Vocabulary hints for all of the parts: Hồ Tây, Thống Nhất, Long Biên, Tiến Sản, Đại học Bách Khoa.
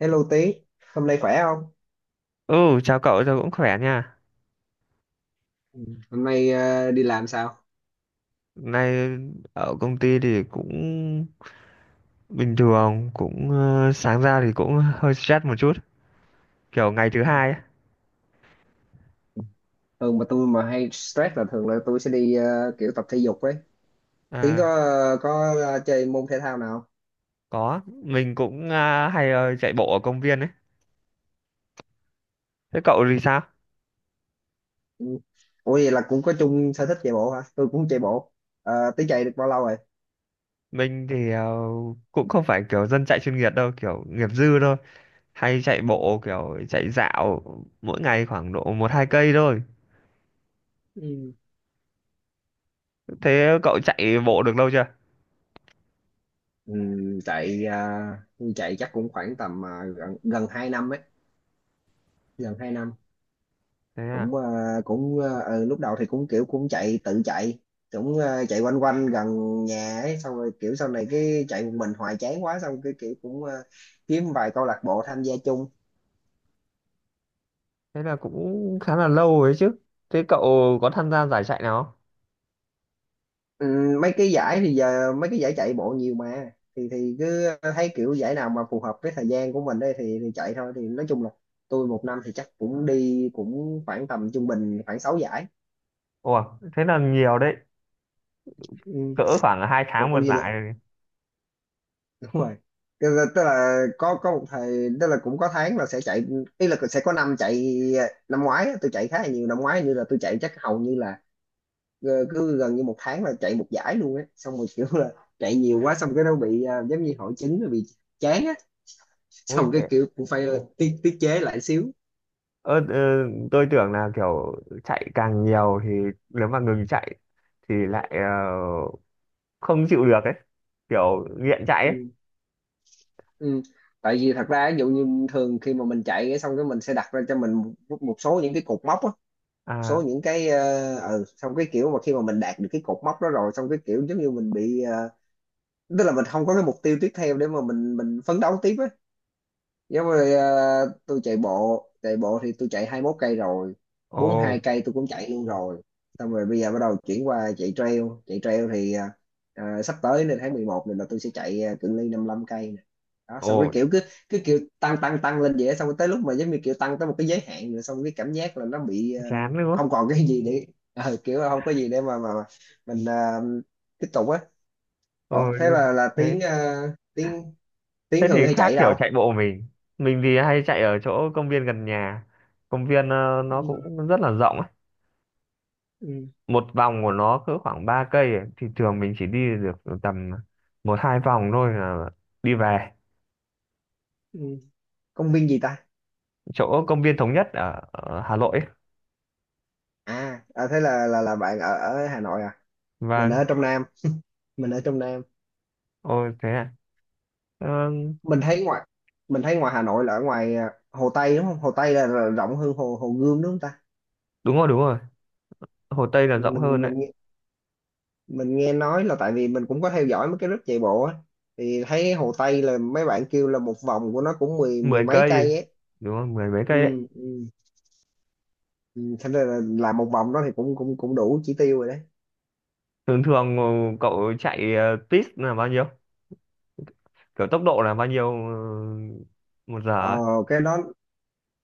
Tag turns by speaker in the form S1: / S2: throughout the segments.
S1: Hello Tí, hôm nay khỏe không?
S2: Ừ, chào cậu, tôi cũng khỏe nha.
S1: Ừ. Hôm nay đi làm sao?
S2: Nay ở công ty thì cũng bình thường, cũng sáng ra thì cũng hơi stress một chút, kiểu ngày thứ hai ấy.
S1: Thường mà tôi mà hay stress là thường là tôi sẽ đi kiểu tập thể dục ấy. Tí
S2: À,
S1: chơi môn thể thao nào không?
S2: có, mình cũng hay chạy bộ ở công viên ấy. Thế cậu thì sao?
S1: Ừ. Ủa vậy là cũng có chung sở thích chạy bộ hả? Tôi cũng chạy bộ. Ờ, Tí chạy được bao lâu rồi?
S2: Mình thì cũng không phải kiểu dân chạy chuyên nghiệp đâu, kiểu nghiệp dư thôi. Hay chạy bộ kiểu chạy dạo mỗi ngày khoảng độ một hai cây thôi.
S1: Ừ.
S2: Thế cậu chạy bộ được lâu chưa?
S1: Ừ, chạy ờ, chạy chắc cũng khoảng tầm gần gần 2 năm ấy, gần 2 năm.
S2: Thế à?
S1: cũng ờ, Lúc đầu thì cũng kiểu cũng chạy tự chạy chạy quanh quanh gần nhà ấy, xong rồi kiểu sau này cái chạy một mình hoài chán quá, xong cái kiểu kiếm vài câu lạc bộ tham gia chung.
S2: Thế là cũng khá là lâu ấy chứ. Thế cậu có tham gia giải chạy nào không?
S1: Ừ, mấy cái giải thì giờ mấy cái giải chạy bộ nhiều mà, thì cứ thấy kiểu giải nào mà phù hợp với thời gian của mình đây thì chạy thôi, thì nói chung là tôi một năm thì chắc cũng đi cũng khoảng tầm trung bình khoảng 6 giải.
S2: Ủa, thế là nhiều đấy,
S1: Ừ.
S2: cỡ khoảng hai
S1: Ủa,
S2: tháng một
S1: vậy là
S2: giải rồi.
S1: đúng rồi, tức là có một thời, tức là cũng có tháng là sẽ chạy, ý là sẽ có năm chạy. Năm ngoái á, tôi chạy khá là nhiều. Năm ngoái như là tôi chạy chắc hầu như là cứ gần như một tháng là chạy một giải luôn á, xong rồi kiểu là chạy nhiều quá, xong cái nó bị giống như hội chứng, nó bị chán á,
S2: Ui
S1: xong cái
S2: thế,
S1: kiểu cũng phải tiết tiết chế lại xíu.
S2: ơ ờ, tôi tưởng là kiểu chạy càng nhiều thì nếu mà ngừng chạy thì lại không chịu được ấy, kiểu nghiện chạy ấy.
S1: Ừ. Ừ. Tại vì thật ra ví dụ như thường khi mà mình chạy cái, xong cái mình sẽ đặt ra cho mình một số những cái cột mốc á, số
S2: À.
S1: những cái xong cái kiểu mà khi mà mình đạt được cái cột mốc đó rồi, xong cái kiểu giống như mình bị tức là mình không có cái mục tiêu tiếp theo để mà mình phấn đấu tiếp á. Giống như tôi chạy bộ, thì tôi chạy 21 cây rồi,
S2: Ồ.
S1: 42 cây tôi cũng chạy luôn rồi. Xong rồi bây giờ bắt đầu chuyển qua chạy trail, thì sắp tới nên tháng 11 này là tôi sẽ chạy cự ly 55 cây nè. Đó,
S2: Ồ,
S1: xong cái kiểu cứ cứ kiểu tăng tăng tăng lên vậy á, xong rồi tới lúc mà giống như kiểu tăng tới một cái giới hạn rồi, xong cái cảm giác là nó bị
S2: chán nữa.
S1: không còn cái gì để kiểu là không có gì để mà mình tiếp tục á.
S2: Ồ.
S1: Ủa, thế là tiếng
S2: Thế,
S1: tiếng tiếng
S2: thế thì
S1: thường hay
S2: khác
S1: chạy
S2: kiểu
S1: đâu?
S2: chạy bộ mình. Mình thì hay chạy ở chỗ công viên gần nhà, công viên nó
S1: Ừ,
S2: cũng rất là rộng,
S1: ừ,
S2: một vòng của nó cỡ khoảng 3 cây ấy. Thì thường mình chỉ đi được tầm một hai vòng thôi là đi về.
S1: ừ. Công viên gì ta?
S2: Chỗ công viên Thống Nhất ở Hà Nội ấy.
S1: À, thế là bạn ở ở Hà Nội à? mình ở
S2: Vâng.
S1: trong Nam mình ở trong Nam
S2: Ôi thế à. Ờ,
S1: mình thấy ngoài mình thấy ngoài Hà Nội là ở ngoài Hồ Tây đúng không? Hồ Tây là rộng hơn Hồ Hồ Gươm đúng không ta?
S2: đúng rồi đúng rồi, Hồ Tây là rộng hơn
S1: mình mình
S2: đấy.
S1: nghe- mình nghe nói là tại vì mình cũng có theo dõi mấy cái group chạy bộ á, thì thấy Hồ Tây là mấy bạn kêu là một vòng của nó cũng mười mười
S2: mười
S1: mấy
S2: cây
S1: cây ấy.
S2: đúng rồi, mười mấy
S1: Ừ,
S2: cây đấy.
S1: ừ. Ừ, thế nên là làm một vòng đó thì cũng cũng cũng đủ chỉ tiêu rồi đấy.
S2: Thường thường cậu chạy tít là bao nhiêu, kiểu tốc độ là bao nhiêu 1 giờ
S1: ờ
S2: ấy?
S1: cái đó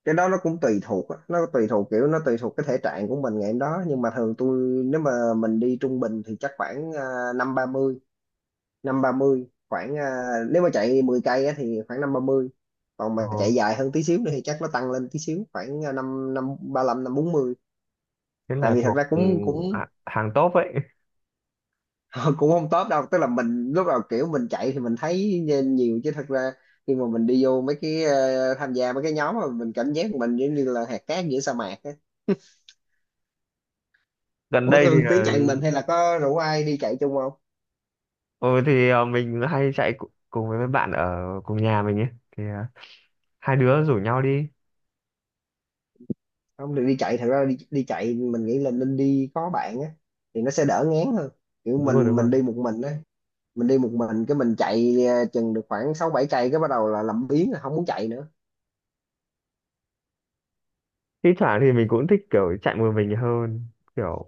S1: cái đó nó cũng tùy thuộc á. Nó tùy thuộc cái thể trạng của mình ngày hôm đó, nhưng mà thường tôi, nếu mà mình đi trung bình thì chắc khoảng năm ba mươi năm ba mươi khoảng nếu mà chạy 10 cây á, thì khoảng năm ba mươi. Còn
S2: Ồ,
S1: mà chạy dài hơn tí xíu nữa thì chắc nó tăng lên tí xíu, khoảng năm năm ba lăm, năm bốn mươi.
S2: thế
S1: Tại
S2: là
S1: vì thật
S2: thuộc
S1: ra cũng cũng
S2: hàng top ấy
S1: cũng không top đâu, tức là mình lúc đầu kiểu mình chạy thì mình thấy nhiều, chứ thật ra khi mà mình đi vô mấy cái tham gia mấy cái nhóm mà mình cảm giác mình giống như là hạt cát giữa sa mạc.
S2: gần
S1: Ủa,
S2: đây thì
S1: Thương tiến chạy một mình hay là có rủ ai đi chạy chung không?
S2: ừ thì mình hay chạy cùng với mấy bạn ở cùng nhà mình ấy thì hai đứa rủ nhau đi.
S1: Không được đi chạy, thật ra đi chạy mình nghĩ là nên đi có bạn á, thì nó sẽ đỡ ngán hơn. Kiểu
S2: Đúng rồi,
S1: mình
S2: đúng rồi.
S1: mình đi một mình á, mình đi một mình cái mình chạy chừng được khoảng 6 7 cây cái bắt đầu là làm biếng, là không muốn chạy nữa.
S2: Thi thoảng thì mình cũng thích kiểu chạy một mình hơn, kiểu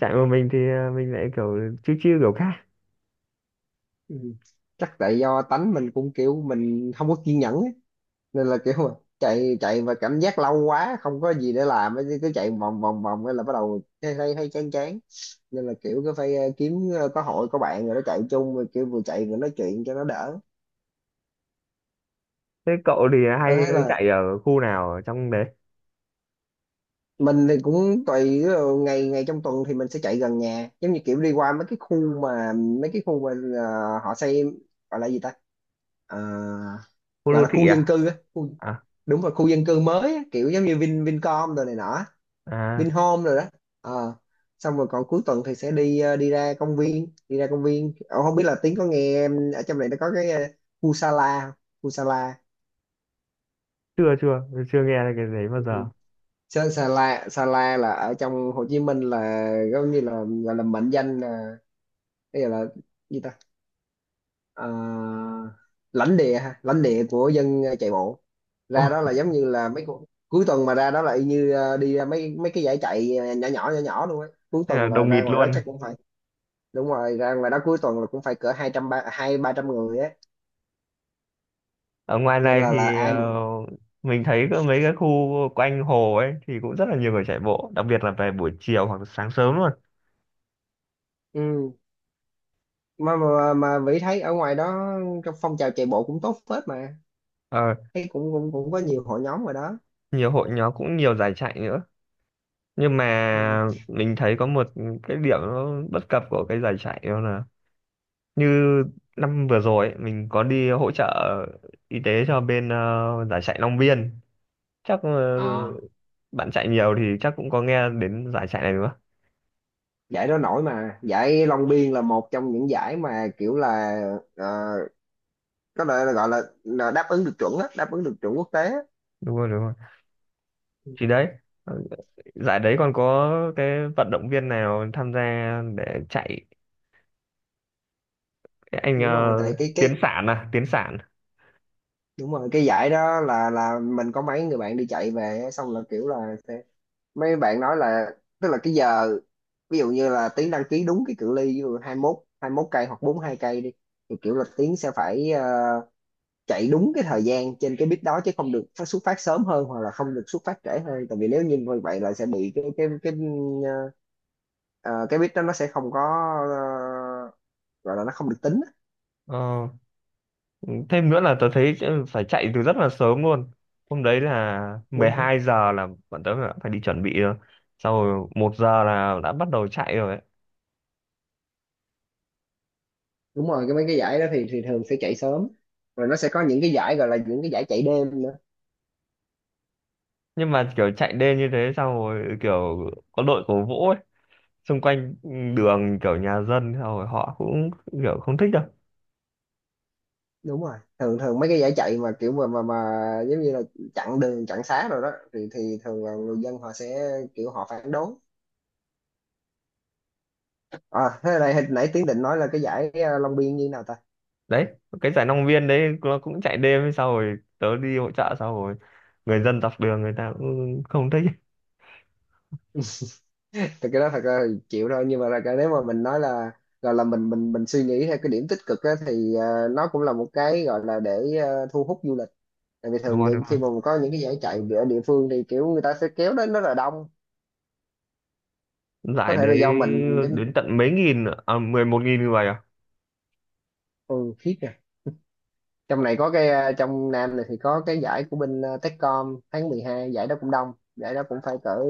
S2: chạy một mình thì mình lại kiểu chill chill kiểu khác.
S1: Ừ. Chắc tại do tánh mình cũng kiểu mình không có kiên nhẫn á, nên là kiểu mà chạy chạy và cảm giác lâu quá, không có gì để làm á, cứ chạy vòng vòng vòng cái là bắt đầu thấy thấy thấy chán chán. Nên là kiểu cứ phải kiếm có hội có bạn rồi nó chạy chung, rồi kiểu vừa chạy vừa nói chuyện cho nó đỡ.
S2: Thế cậu thì hay
S1: Ờ, Thế là
S2: chạy ở khu nào ở trong đấy?
S1: mình thì cũng tùy, ví dụ ngày ngày trong tuần thì mình sẽ chạy gần nhà, giống như kiểu đi qua mấy cái khu mà mấy cái khu mà họ xây gọi là gì ta? Ờ,
S2: Khu
S1: Gọi
S2: đô
S1: là
S2: thị
S1: khu dân
S2: à?
S1: cư á, khu,
S2: À,
S1: đúng rồi khu dân cư mới á, kiểu giống như Vincom rồi này nọ,
S2: à.
S1: Vinhome rồi đó. Ờ. Xong rồi còn cuối tuần thì sẽ đi đi ra công viên. Ờ, Không biết là Tiến có nghe em ở trong này nó có cái khu Sala không? Khu Sala.
S2: Chưa chưa chưa nghe cái đấy bao
S1: Ừ.
S2: giờ.
S1: Sa- Sala Sala là ở trong Hồ Chí Minh, là giống như là gọi là mệnh danh là cái gọi là gì ta, Ờ, lãnh địa ha, lãnh địa của dân chạy bộ.
S2: Ồ,
S1: Ra đó là giống như là mấy cuối tuần mà ra đó là y như đi ra mấy mấy cái giải chạy nhỏ nhỏ nhỏ nhỏ luôn á. Cuối
S2: thế là
S1: tuần là
S2: đồng
S1: ra
S2: nghịt
S1: ngoài đó
S2: luôn.
S1: chắc cũng phải, đúng rồi, ra ngoài đó cuối tuần là cũng phải cỡ hai trăm ba, hai ba trăm người á.
S2: Ở ngoài
S1: Nên
S2: này
S1: là
S2: thì
S1: ai mà.
S2: mình thấy có mấy cái khu quanh hồ ấy thì cũng rất là nhiều người chạy bộ, đặc biệt là về buổi chiều hoặc sáng sớm luôn.
S1: Ừ. Mà mà Vĩ thấy ở ngoài đó trong phong trào chạy bộ cũng tốt phết mà,
S2: Ờ,
S1: thấy cũng cũng cũng có nhiều hội nhóm rồi đó.
S2: nhiều hội nhóm, cũng nhiều giải chạy nữa. Nhưng
S1: Ừ.
S2: mà mình thấy có một cái điểm nó bất cập của cái giải chạy đó là như năm vừa rồi ấy, mình có đi hỗ trợ y tế cho bên giải chạy Long Biên. Chắc
S1: À.
S2: bạn chạy nhiều thì chắc cũng có nghe đến giải chạy này đúng không?
S1: Giải đó nổi mà, giải Long Biên là một trong những giải mà kiểu là ờ, có thể là gọi là đáp ứng được chuẩn á, đáp ứng được chuẩn quốc tế á.
S2: Đúng rồi đúng rồi.
S1: Ừ.
S2: Thì đấy ờ, giải đấy còn có cái vận động viên nào tham gia để chạy, cái anh
S1: Đúng rồi, tại cái
S2: Tiến
S1: cái
S2: Sản à, Tiến Sản.
S1: đúng rồi, cái giải đó là, mình có mấy người bạn đi chạy về á, xong là kiểu là mấy bạn nói là, tức là cái giờ ví dụ như là Tiến đăng ký đúng cái cự ly ví dụ 21 cây hoặc 42 cây đi, thì kiểu là Tiến sẽ phải chạy đúng cái thời gian trên cái bit đó, chứ không được xuất phát sớm hơn hoặc là không được xuất phát trễ hơn, tại vì nếu như như vậy là sẽ bị cái ờ, ờ, cái bit đó nó sẽ không có ờ, gọi là nó không được tính á.
S2: Ờ, thêm nữa là tớ thấy phải chạy từ rất là sớm luôn, hôm đấy là mười
S1: Đúng không?
S2: hai giờ là bọn tớ đã phải đi chuẩn bị rồi, sau rồi 1 giờ là đã bắt đầu chạy rồi ấy.
S1: Đúng rồi, cái mấy cái giải đó thì thường sẽ chạy sớm, rồi nó sẽ có những cái giải gọi là những cái giải chạy đêm.
S2: Nhưng mà kiểu chạy đêm như thế xong rồi kiểu có đội cổ vũ ấy xung quanh đường kiểu nhà dân xong rồi họ cũng kiểu không thích đâu.
S1: Đúng rồi, thường thường mấy cái giải chạy mà kiểu mà giống như là chặn đường chặn xá rồi đó thì thường là người dân họ sẽ kiểu họ phản đối. À, thế này hồi nãy Tiến định nói là cái giải Long Biên như thế nào ta?
S2: Đấy, cái giải Long Biên đấy nó cũng chạy đêm, sau rồi tớ đi hỗ trợ, sau rồi người dân dọc đường người ta cũng không thích.
S1: Thì cái đó thật ra thì chịu thôi, nhưng mà là cái, nếu mà mình nói là gọi là mình suy nghĩ theo cái điểm tích cực á, thì nó cũng là một cái gọi là để thu hút du lịch. Tại vì
S2: Đúng
S1: thường
S2: không đúng
S1: những khi
S2: không,
S1: mà có những cái giải chạy ở địa phương thì kiểu người ta sẽ kéo đến rất là đông, có
S2: giải
S1: thể là
S2: đấy
S1: do mình
S2: đến
S1: giống.
S2: tận mấy nghìn à, 11.000 người à.
S1: Ừ, khiếp. Trong này có cái trong Nam này thì có cái giải của bên Techcom, tháng mười hai, giải đó cũng đông, giải đó cũng phải cỡ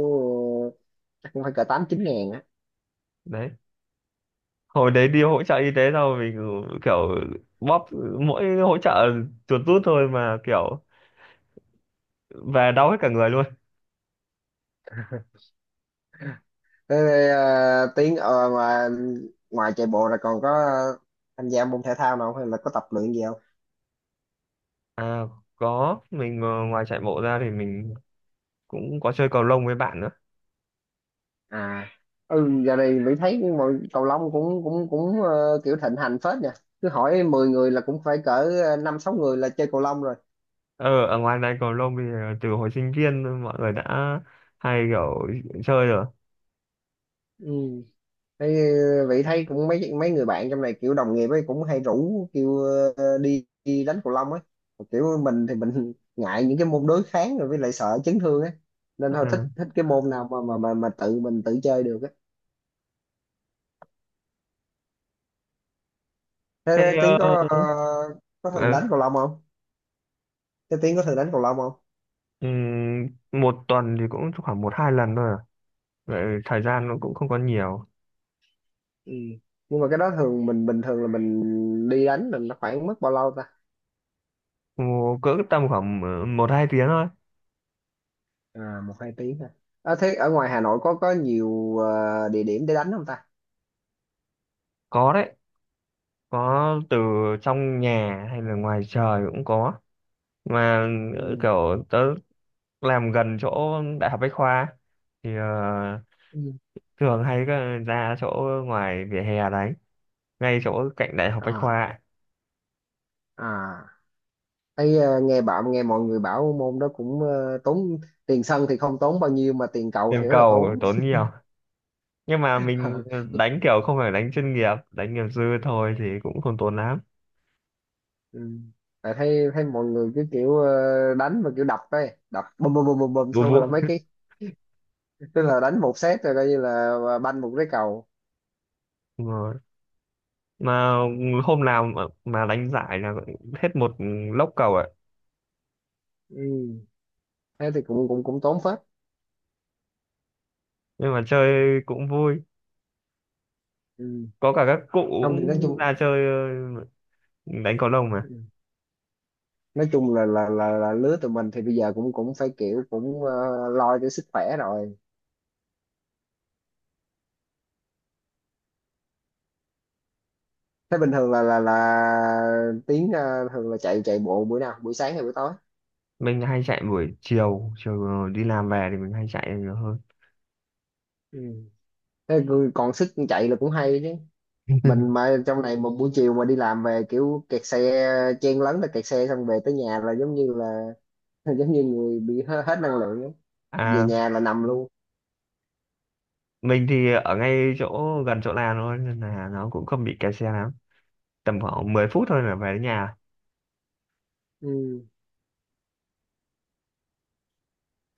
S1: chắc cũng phải cỡ tám chín ngàn á.
S2: Đấy hồi đấy đi hỗ trợ y tế sao mình kiểu bóp mỗi hỗ trợ chuột rút thôi mà kiểu về đau hết cả người luôn.
S1: Thế, tiếng mà ngoài chạy bộ là còn có tham gia môn thể thao nào không, hay là có tập luyện gì không?
S2: À có, mình ngoài chạy bộ ra thì mình cũng có chơi cầu lông với bạn nữa.
S1: À. Ừ, giờ này Mỹ thấy mọi cầu lông cũng cũng cũng kiểu thịnh hành phết nha, cứ hỏi 10 người là cũng phải cỡ năm sáu người là chơi cầu lông rồi.
S2: Ờ ở ngoài này cầu lông thì từ hồi sinh viên mọi người đã hay kiểu chơi rồi.
S1: Ừ. Thế vậy thấy cũng mấy mấy người bạn trong này kiểu đồng nghiệp ấy cũng hay rủ kêu đi đánh cầu lông ấy. Kiểu mình thì mình ngại những cái môn đối kháng, rồi với lại sợ chấn thương ấy, nên thôi, thích
S2: À,
S1: thích cái môn nào mà mà tự mình tự chơi được ấy. Thế,
S2: thế
S1: Tiến
S2: ờ,
S1: có có thường
S2: ờ,
S1: đánh cầu lông không? Thế Tiến có thường đánh cầu lông không?
S2: một tuần thì cũng khoảng một hai lần thôi à. Vậy thời gian
S1: Ừ.
S2: nó cũng không có nhiều.
S1: Ừ. Nhưng mà cái đó thường mình bình thường là mình đi đánh là nó khoảng mất bao lâu ta?
S2: Ồ, cỡ tầm khoảng một hai tiếng thôi.
S1: À, một hai tiếng ha. À, thế ở ngoài Hà Nội có nhiều địa điểm để đánh không ta?
S2: Có đấy, có từ trong nhà hay là ngoài trời cũng có mà
S1: Ừ.
S2: kiểu tớ làm gần chỗ Đại học Bách Khoa thì
S1: Ừ.
S2: thường hay có ra chỗ ngoài vỉa hè đấy ngay chỗ cạnh Đại học Bách
S1: À.
S2: Khoa.
S1: À, thấy nghe bạn nghe mọi người bảo môn đó cũng tốn, tiền sân thì không tốn bao nhiêu mà tiền cầu
S2: Tiền
S1: thì rất là
S2: cầu
S1: tốn.
S2: tốn nhiều nhưng mà mình đánh kiểu không phải đánh chuyên nghiệp, đánh nghiệp dư thôi thì cũng không tốn lắm.
S1: Ừ. Tại thấy thấy mọi người cứ kiểu đánh mà kiểu đập ấy, đập bùm bùm bùm bùm bùm
S2: Vu
S1: xong rồi là mấy
S2: vu.
S1: cái, tức là đánh một set rồi coi như là banh một cái cầu.
S2: Đúng rồi. Mà hôm nào mà đánh giải là hết một lốc cầu ạ.
S1: Ừ. Thế thì cũng cũng cũng tốn phết.
S2: Nhưng mà chơi cũng vui,
S1: Ừ.
S2: có cả các cụ
S1: Không thì nói chung.
S2: ra chơi ờ, đánh cầu lông mà.
S1: Ừ. Nói chung là lứa tụi mình thì bây giờ cũng cũng phải kiểu cũng lo cho sức khỏe rồi. Thế bình thường là Tiến à, thường là chạy chạy bộ buổi nào, buổi sáng hay buổi tối?
S2: Mình hay chạy buổi chiều, chiều đi làm về thì mình hay chạy nhiều hơn.
S1: Ừ. Thế rồi còn sức chạy là cũng hay chứ. Mình mà trong này một buổi chiều mà đi làm về kiểu kẹt xe, chen lấn là kẹt xe, xong về tới nhà là giống như là giống như người bị hết năng lượng ấy. Về
S2: À
S1: nhà là nằm luôn.
S2: mình thì ở ngay chỗ gần chỗ làm thôi nên là nó cũng không bị kẹt xe lắm, tầm khoảng 10 phút thôi là về đến nhà.
S1: Ừ.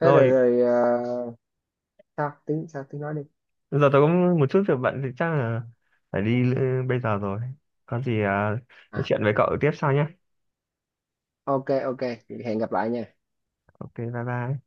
S1: Thế rồi rồi sao tiếng nói đi.
S2: giờ tôi có một chút việc bận thì chắc là phải đi bây giờ rồi, có gì nói
S1: À,
S2: chuyện với cậu tiếp sau nhé.
S1: ok, ok, hẹn gặp lại nha.
S2: Ok bye bye